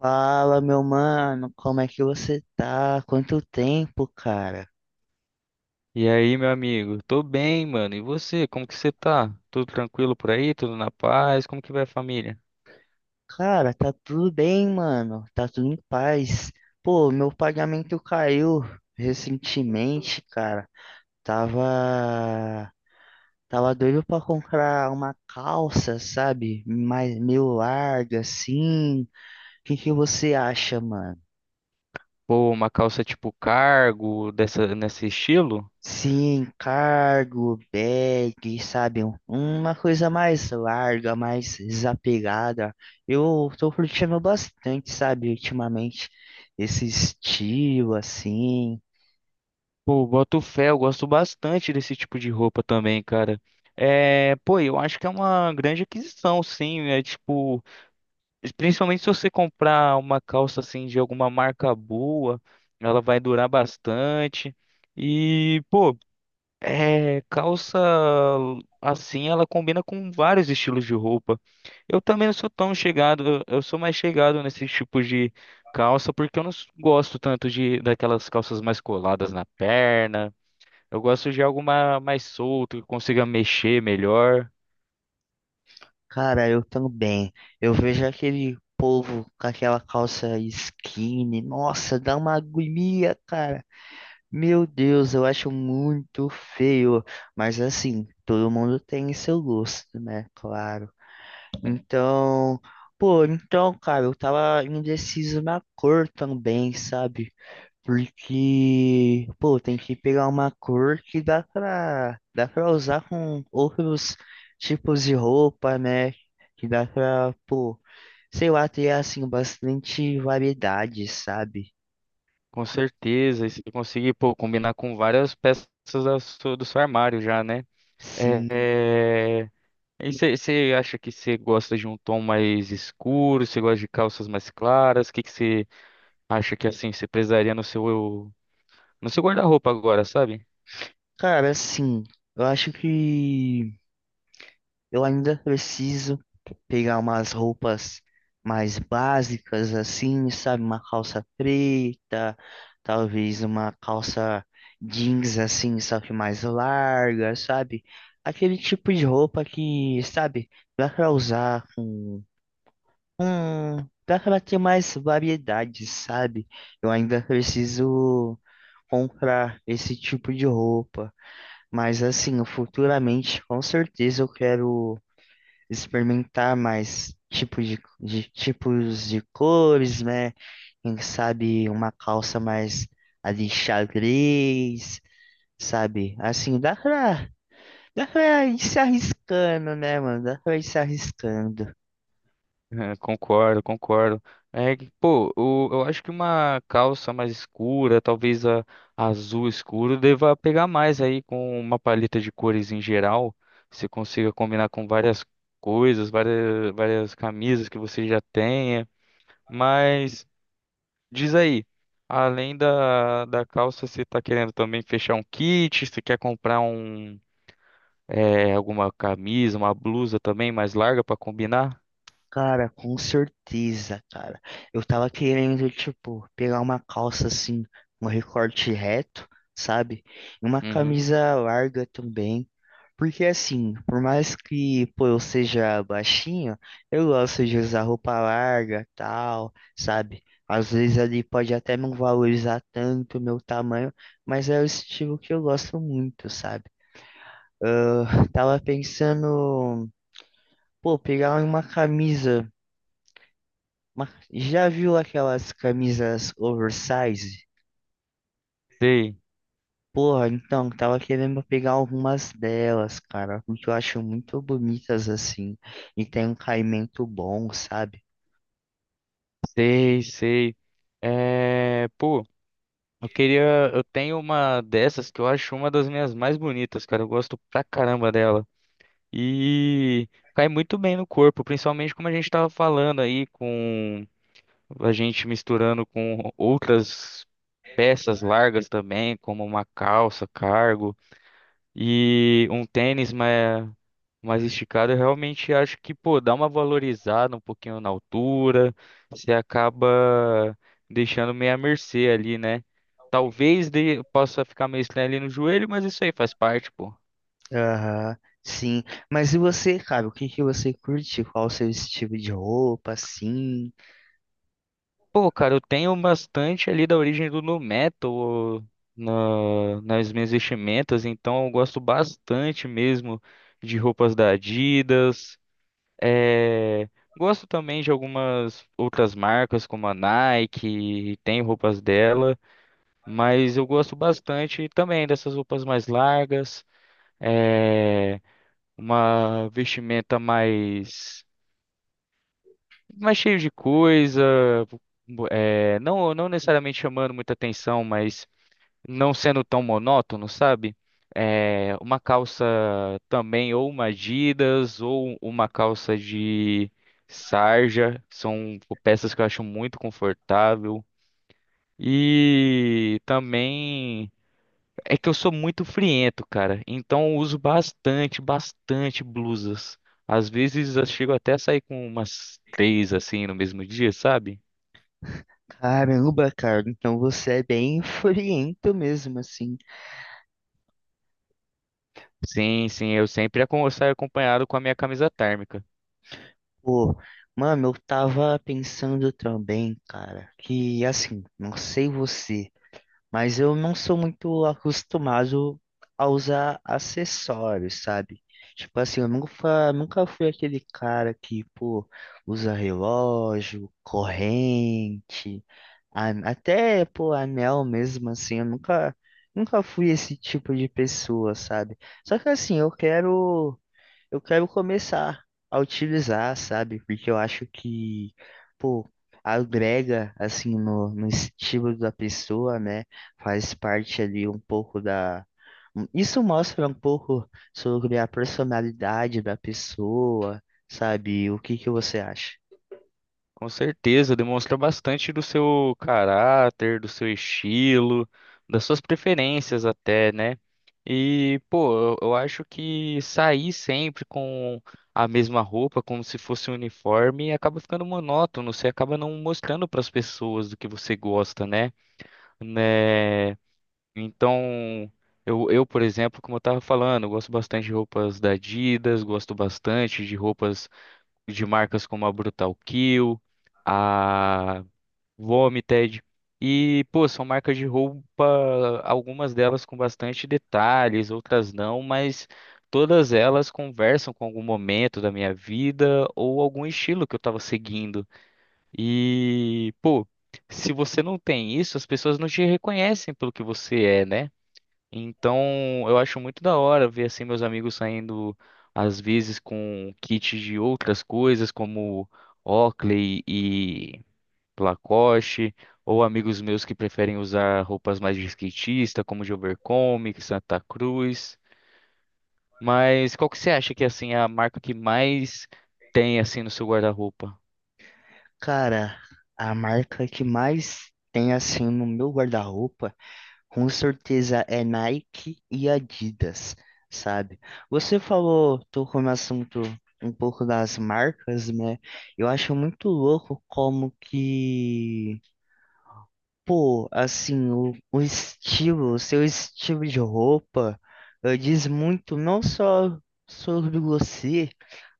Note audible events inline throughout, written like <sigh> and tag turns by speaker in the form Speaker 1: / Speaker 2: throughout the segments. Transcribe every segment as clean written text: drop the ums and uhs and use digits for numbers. Speaker 1: Fala, meu mano, como é que você tá? Quanto tempo, cara?
Speaker 2: E aí, meu amigo? Tô bem, mano. E você? Como que você tá? Tudo tranquilo por aí? Tudo na paz? Como que vai a família?
Speaker 1: Cara, tá tudo bem, mano. Tá tudo em paz. Pô, meu pagamento caiu recentemente, cara. Tava, tava doido pra comprar uma calça, sabe? Mais meio larga assim. O que que você acha, mano?
Speaker 2: Pô, uma calça tipo cargo, dessa, nesse estilo?
Speaker 1: Sim, cargo, bag, sabe? Uma coisa mais larga, mais desapegada. Eu tô curtindo bastante, sabe, ultimamente, esse estilo, assim.
Speaker 2: Pô, boto fé, eu gosto bastante desse tipo de roupa também, cara. É, pô, eu acho que é uma grande aquisição, sim. É tipo, principalmente se você comprar uma calça assim de alguma marca boa, ela vai durar bastante. E, pô. É, calça assim, ela combina com vários estilos de roupa. Eu também não sou tão chegado, eu sou mais chegado nesses tipos de calça porque eu não s- gosto tanto de daquelas calças mais coladas na perna. Eu gosto de algo mais solto, que consiga mexer melhor.
Speaker 1: Cara, eu também. Eu vejo aquele povo com aquela calça skinny. Nossa, dá uma agonia, cara. Meu Deus, eu acho muito feio. Mas assim, todo mundo tem seu gosto, né? Claro. Então, pô, então, cara, eu tava indeciso na cor também, sabe? Porque, pô, tem que pegar uma cor que dá pra usar com outros tipos de roupa, né? Que dá pra, pô, sei lá, ter, assim, bastante variedade, sabe?
Speaker 2: Com certeza, e se conseguir, pô, combinar com várias peças do seu armário já, né? É,
Speaker 1: Sim.
Speaker 2: é, E você acha que você gosta de um tom mais escuro? Você gosta de calças mais claras? O que que você acha que assim você precisaria no seu guarda-roupa agora, sabe? <laughs>
Speaker 1: Cara, assim, eu acho que. Eu ainda preciso pegar umas roupas mais básicas assim, sabe? Uma calça preta, talvez uma calça jeans assim, só que mais larga, sabe? Aquele tipo de roupa que, sabe, dá pra usar com... dá pra ter mais variedade, sabe? Eu ainda preciso comprar esse tipo de roupa, mas assim, futuramente, com certeza eu quero experimentar mais de tipos de cores, né? Quem sabe uma calça mais ali xadrez, sabe? Assim, dá pra ir se arriscando, né, mano? Dá pra ir se arriscando.
Speaker 2: É, concordo, concordo. É que, pô, eu acho que uma calça mais escura, talvez a azul escuro, deva pegar mais aí com uma paleta de cores em geral. Você consiga combinar com várias coisas, várias camisas que você já tenha. Mas. Diz aí, além da calça, você tá querendo também fechar um kit? Você quer comprar um, é, alguma camisa, uma blusa também mais larga pra combinar?
Speaker 1: Cara, com certeza, cara. Eu tava querendo, tipo, pegar uma calça assim, um recorte reto, sabe? E uma
Speaker 2: Uhum.
Speaker 1: camisa larga também. Porque assim, por mais que, pô, eu seja baixinho, eu gosto de usar roupa larga, tal, sabe? Às vezes ali pode até não valorizar tanto o meu tamanho, mas é o estilo que eu gosto muito, sabe? Ah, tava pensando, pô, pegar uma camisa. Mas já viu aquelas camisas oversize?
Speaker 2: Sei,
Speaker 1: Porra, então, tava querendo pegar algumas delas, cara, porque eu acho muito bonitas assim, e tem um caimento bom, sabe?
Speaker 2: sei, sei. É, pô, eu queria, eu tenho uma dessas que eu acho uma das minhas mais bonitas, cara. Eu gosto pra caramba dela. E cai muito bem no corpo, principalmente como a gente tava falando aí com a gente misturando com outras peças largas também, como uma calça, cargo e um tênis mais, mais esticado, eu realmente acho que, pô, dá uma valorizada um pouquinho na altura, você acaba deixando meio à mercê ali, né? Talvez de, possa ficar meio estranho ali no joelho, mas isso aí faz parte, pô.
Speaker 1: Aham, sim. Mas e você, cara, o que que você curte? Qual o seu estilo de roupa, assim?
Speaker 2: Pô, cara, eu tenho bastante ali da origem do nu metal nas minhas vestimentas, então eu gosto bastante mesmo de roupas da Adidas. eh, Gosto também de algumas outras marcas, como a Nike, tem roupas dela, mas eu gosto bastante também dessas roupas mais largas, eh, uma vestimenta mais. Mais cheio de coisa, é, não necessariamente chamando muita atenção, mas não sendo tão monótono, sabe? É, uma calça também, ou uma Adidas, ou uma calça de sarja, são peças que eu acho muito confortável. E também. É que eu sou muito friento, cara. Então eu uso bastante blusas. Às vezes eu chego até a sair com umas três assim no mesmo dia, sabe?
Speaker 1: Caramba, cara, então você é bem <laughs> friento mesmo, assim.
Speaker 2: Sim, sim, eu saio acompanhado com a minha camisa térmica.
Speaker 1: Pô, mano, eu tava pensando também, cara, que assim, não sei você. Mas eu não sou muito acostumado a usar acessórios, sabe? Tipo assim, eu nunca, nunca fui aquele cara que, pô, usa relógio, corrente, até, pô, anel mesmo, assim, eu nunca, nunca fui esse tipo de pessoa, sabe? Só que assim, eu quero começar a utilizar, sabe? Porque eu acho que, pô, agrega, assim, no estilo da pessoa, né? Faz parte ali um pouco da. Isso mostra um pouco sobre a personalidade da pessoa, sabe? O que que você acha?
Speaker 2: Com certeza, demonstra bastante do seu caráter, do seu estilo, das suas preferências até, né? E, pô, eu acho que sair sempre com a mesma roupa, como se fosse um uniforme, acaba ficando monótono, você acaba não mostrando para as pessoas do que você gosta, né? Né? Então, eu, por exemplo, como eu tava falando, eu gosto bastante de roupas da Adidas, gosto bastante de roupas de marcas como a Brutal Kill, a Vomited. E, pô, são marcas de roupa, algumas delas com bastante detalhes, outras não, mas todas elas conversam com algum momento da minha vida ou algum estilo que eu estava seguindo. E, pô, se você não tem isso, as pessoas não te reconhecem pelo que você é, né? Então, eu acho muito da hora ver assim meus amigos saindo às vezes com kits de outras coisas, como Oakley e Lacoste, ou amigos meus que preferem usar roupas mais de skatista, como de Overcomic, Santa Cruz. Mas qual que você acha que assim é a marca que mais tem assim no seu guarda-roupa?
Speaker 1: Cara, a marca que mais tem, assim, no meu guarda-roupa. Com certeza é Nike e Adidas, sabe? Você falou, tocou no assunto um pouco das marcas, né? Eu acho muito louco como que, pô, assim, o estilo, o seu estilo de roupa, diz muito não só sobre você,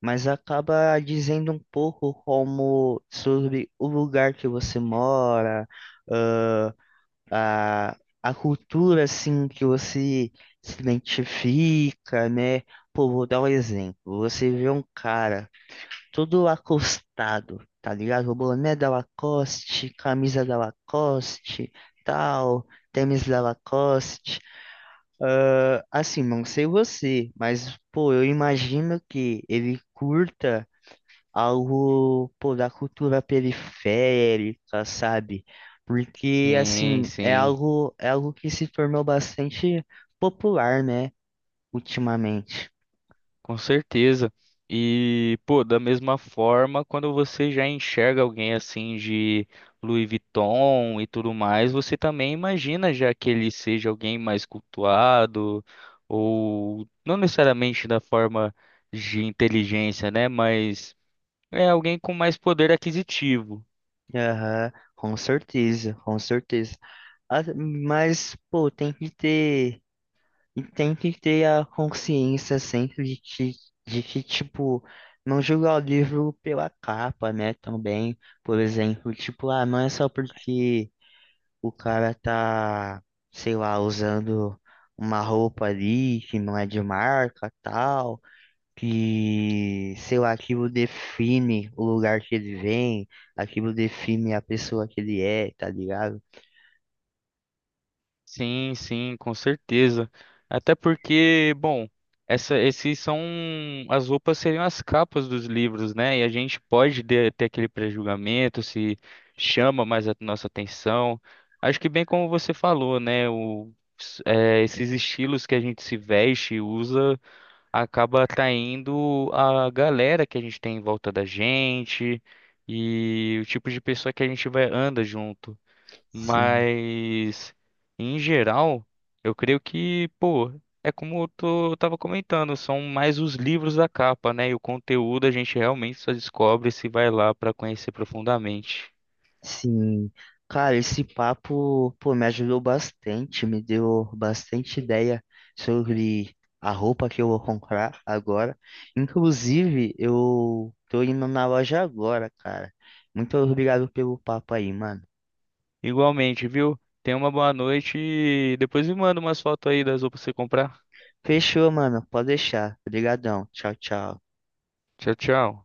Speaker 1: mas acaba dizendo um pouco como sobre o lugar que você mora a, a cultura assim que você se identifica, né? Pô, vou dar um exemplo. Você vê um cara todo acostado, tá ligado? O boné da Lacoste, camisa da Lacoste, tal, tênis da Lacoste. Ah, assim, não sei você, mas pô, eu imagino que ele curta algo, pô, da cultura periférica, sabe? Porque,
Speaker 2: Sim,
Speaker 1: assim,
Speaker 2: sim.
Speaker 1: é algo que se tornou bastante popular, né, ultimamente.
Speaker 2: Com certeza. E, pô, da mesma forma, quando você já enxerga alguém assim de Louis Vuitton e tudo mais, você também imagina já que ele seja alguém mais cultuado, ou não necessariamente da forma de inteligência, né? Mas é alguém com mais poder aquisitivo.
Speaker 1: Aham, com certeza, com certeza. Ah, mas, pô, e tem que ter a consciência sempre de que, tipo, não julgar o livro pela capa, né, também, por exemplo, tipo, ah, não é só porque o cara tá, sei lá, usando uma roupa ali que não é de marca, tal, que, sei lá, aquilo define o lugar que ele vem, aquilo define a pessoa que ele é, tá ligado?
Speaker 2: Sim, sim, com certeza. Até porque, bom, esses são as roupas seriam as capas dos livros, né? E a gente ter aquele pré-julgamento se chama mais a nossa atenção. Acho que bem como você falou, né? Esses estilos que a gente se veste e usa acaba atraindo a galera que a gente tem em volta da gente e o tipo de pessoa que a gente vai anda junto.
Speaker 1: Sim.
Speaker 2: Mas, em geral, eu creio que, pô, é como eu tava comentando, são mais os livros da capa, né? E o conteúdo a gente realmente só descobre se vai lá pra conhecer profundamente.
Speaker 1: Sim, cara, esse papo, pô, me ajudou bastante, me deu bastante ideia sobre a roupa que eu vou comprar agora. Inclusive, eu tô indo na loja agora, cara. Muito obrigado pelo papo aí, mano.
Speaker 2: Igualmente, viu? Tenha uma boa noite e depois me manda umas fotos aí das roupas pra você comprar.
Speaker 1: Fechou, mano. Pode deixar. Obrigadão. Tchau, tchau.
Speaker 2: Tchau, tchau.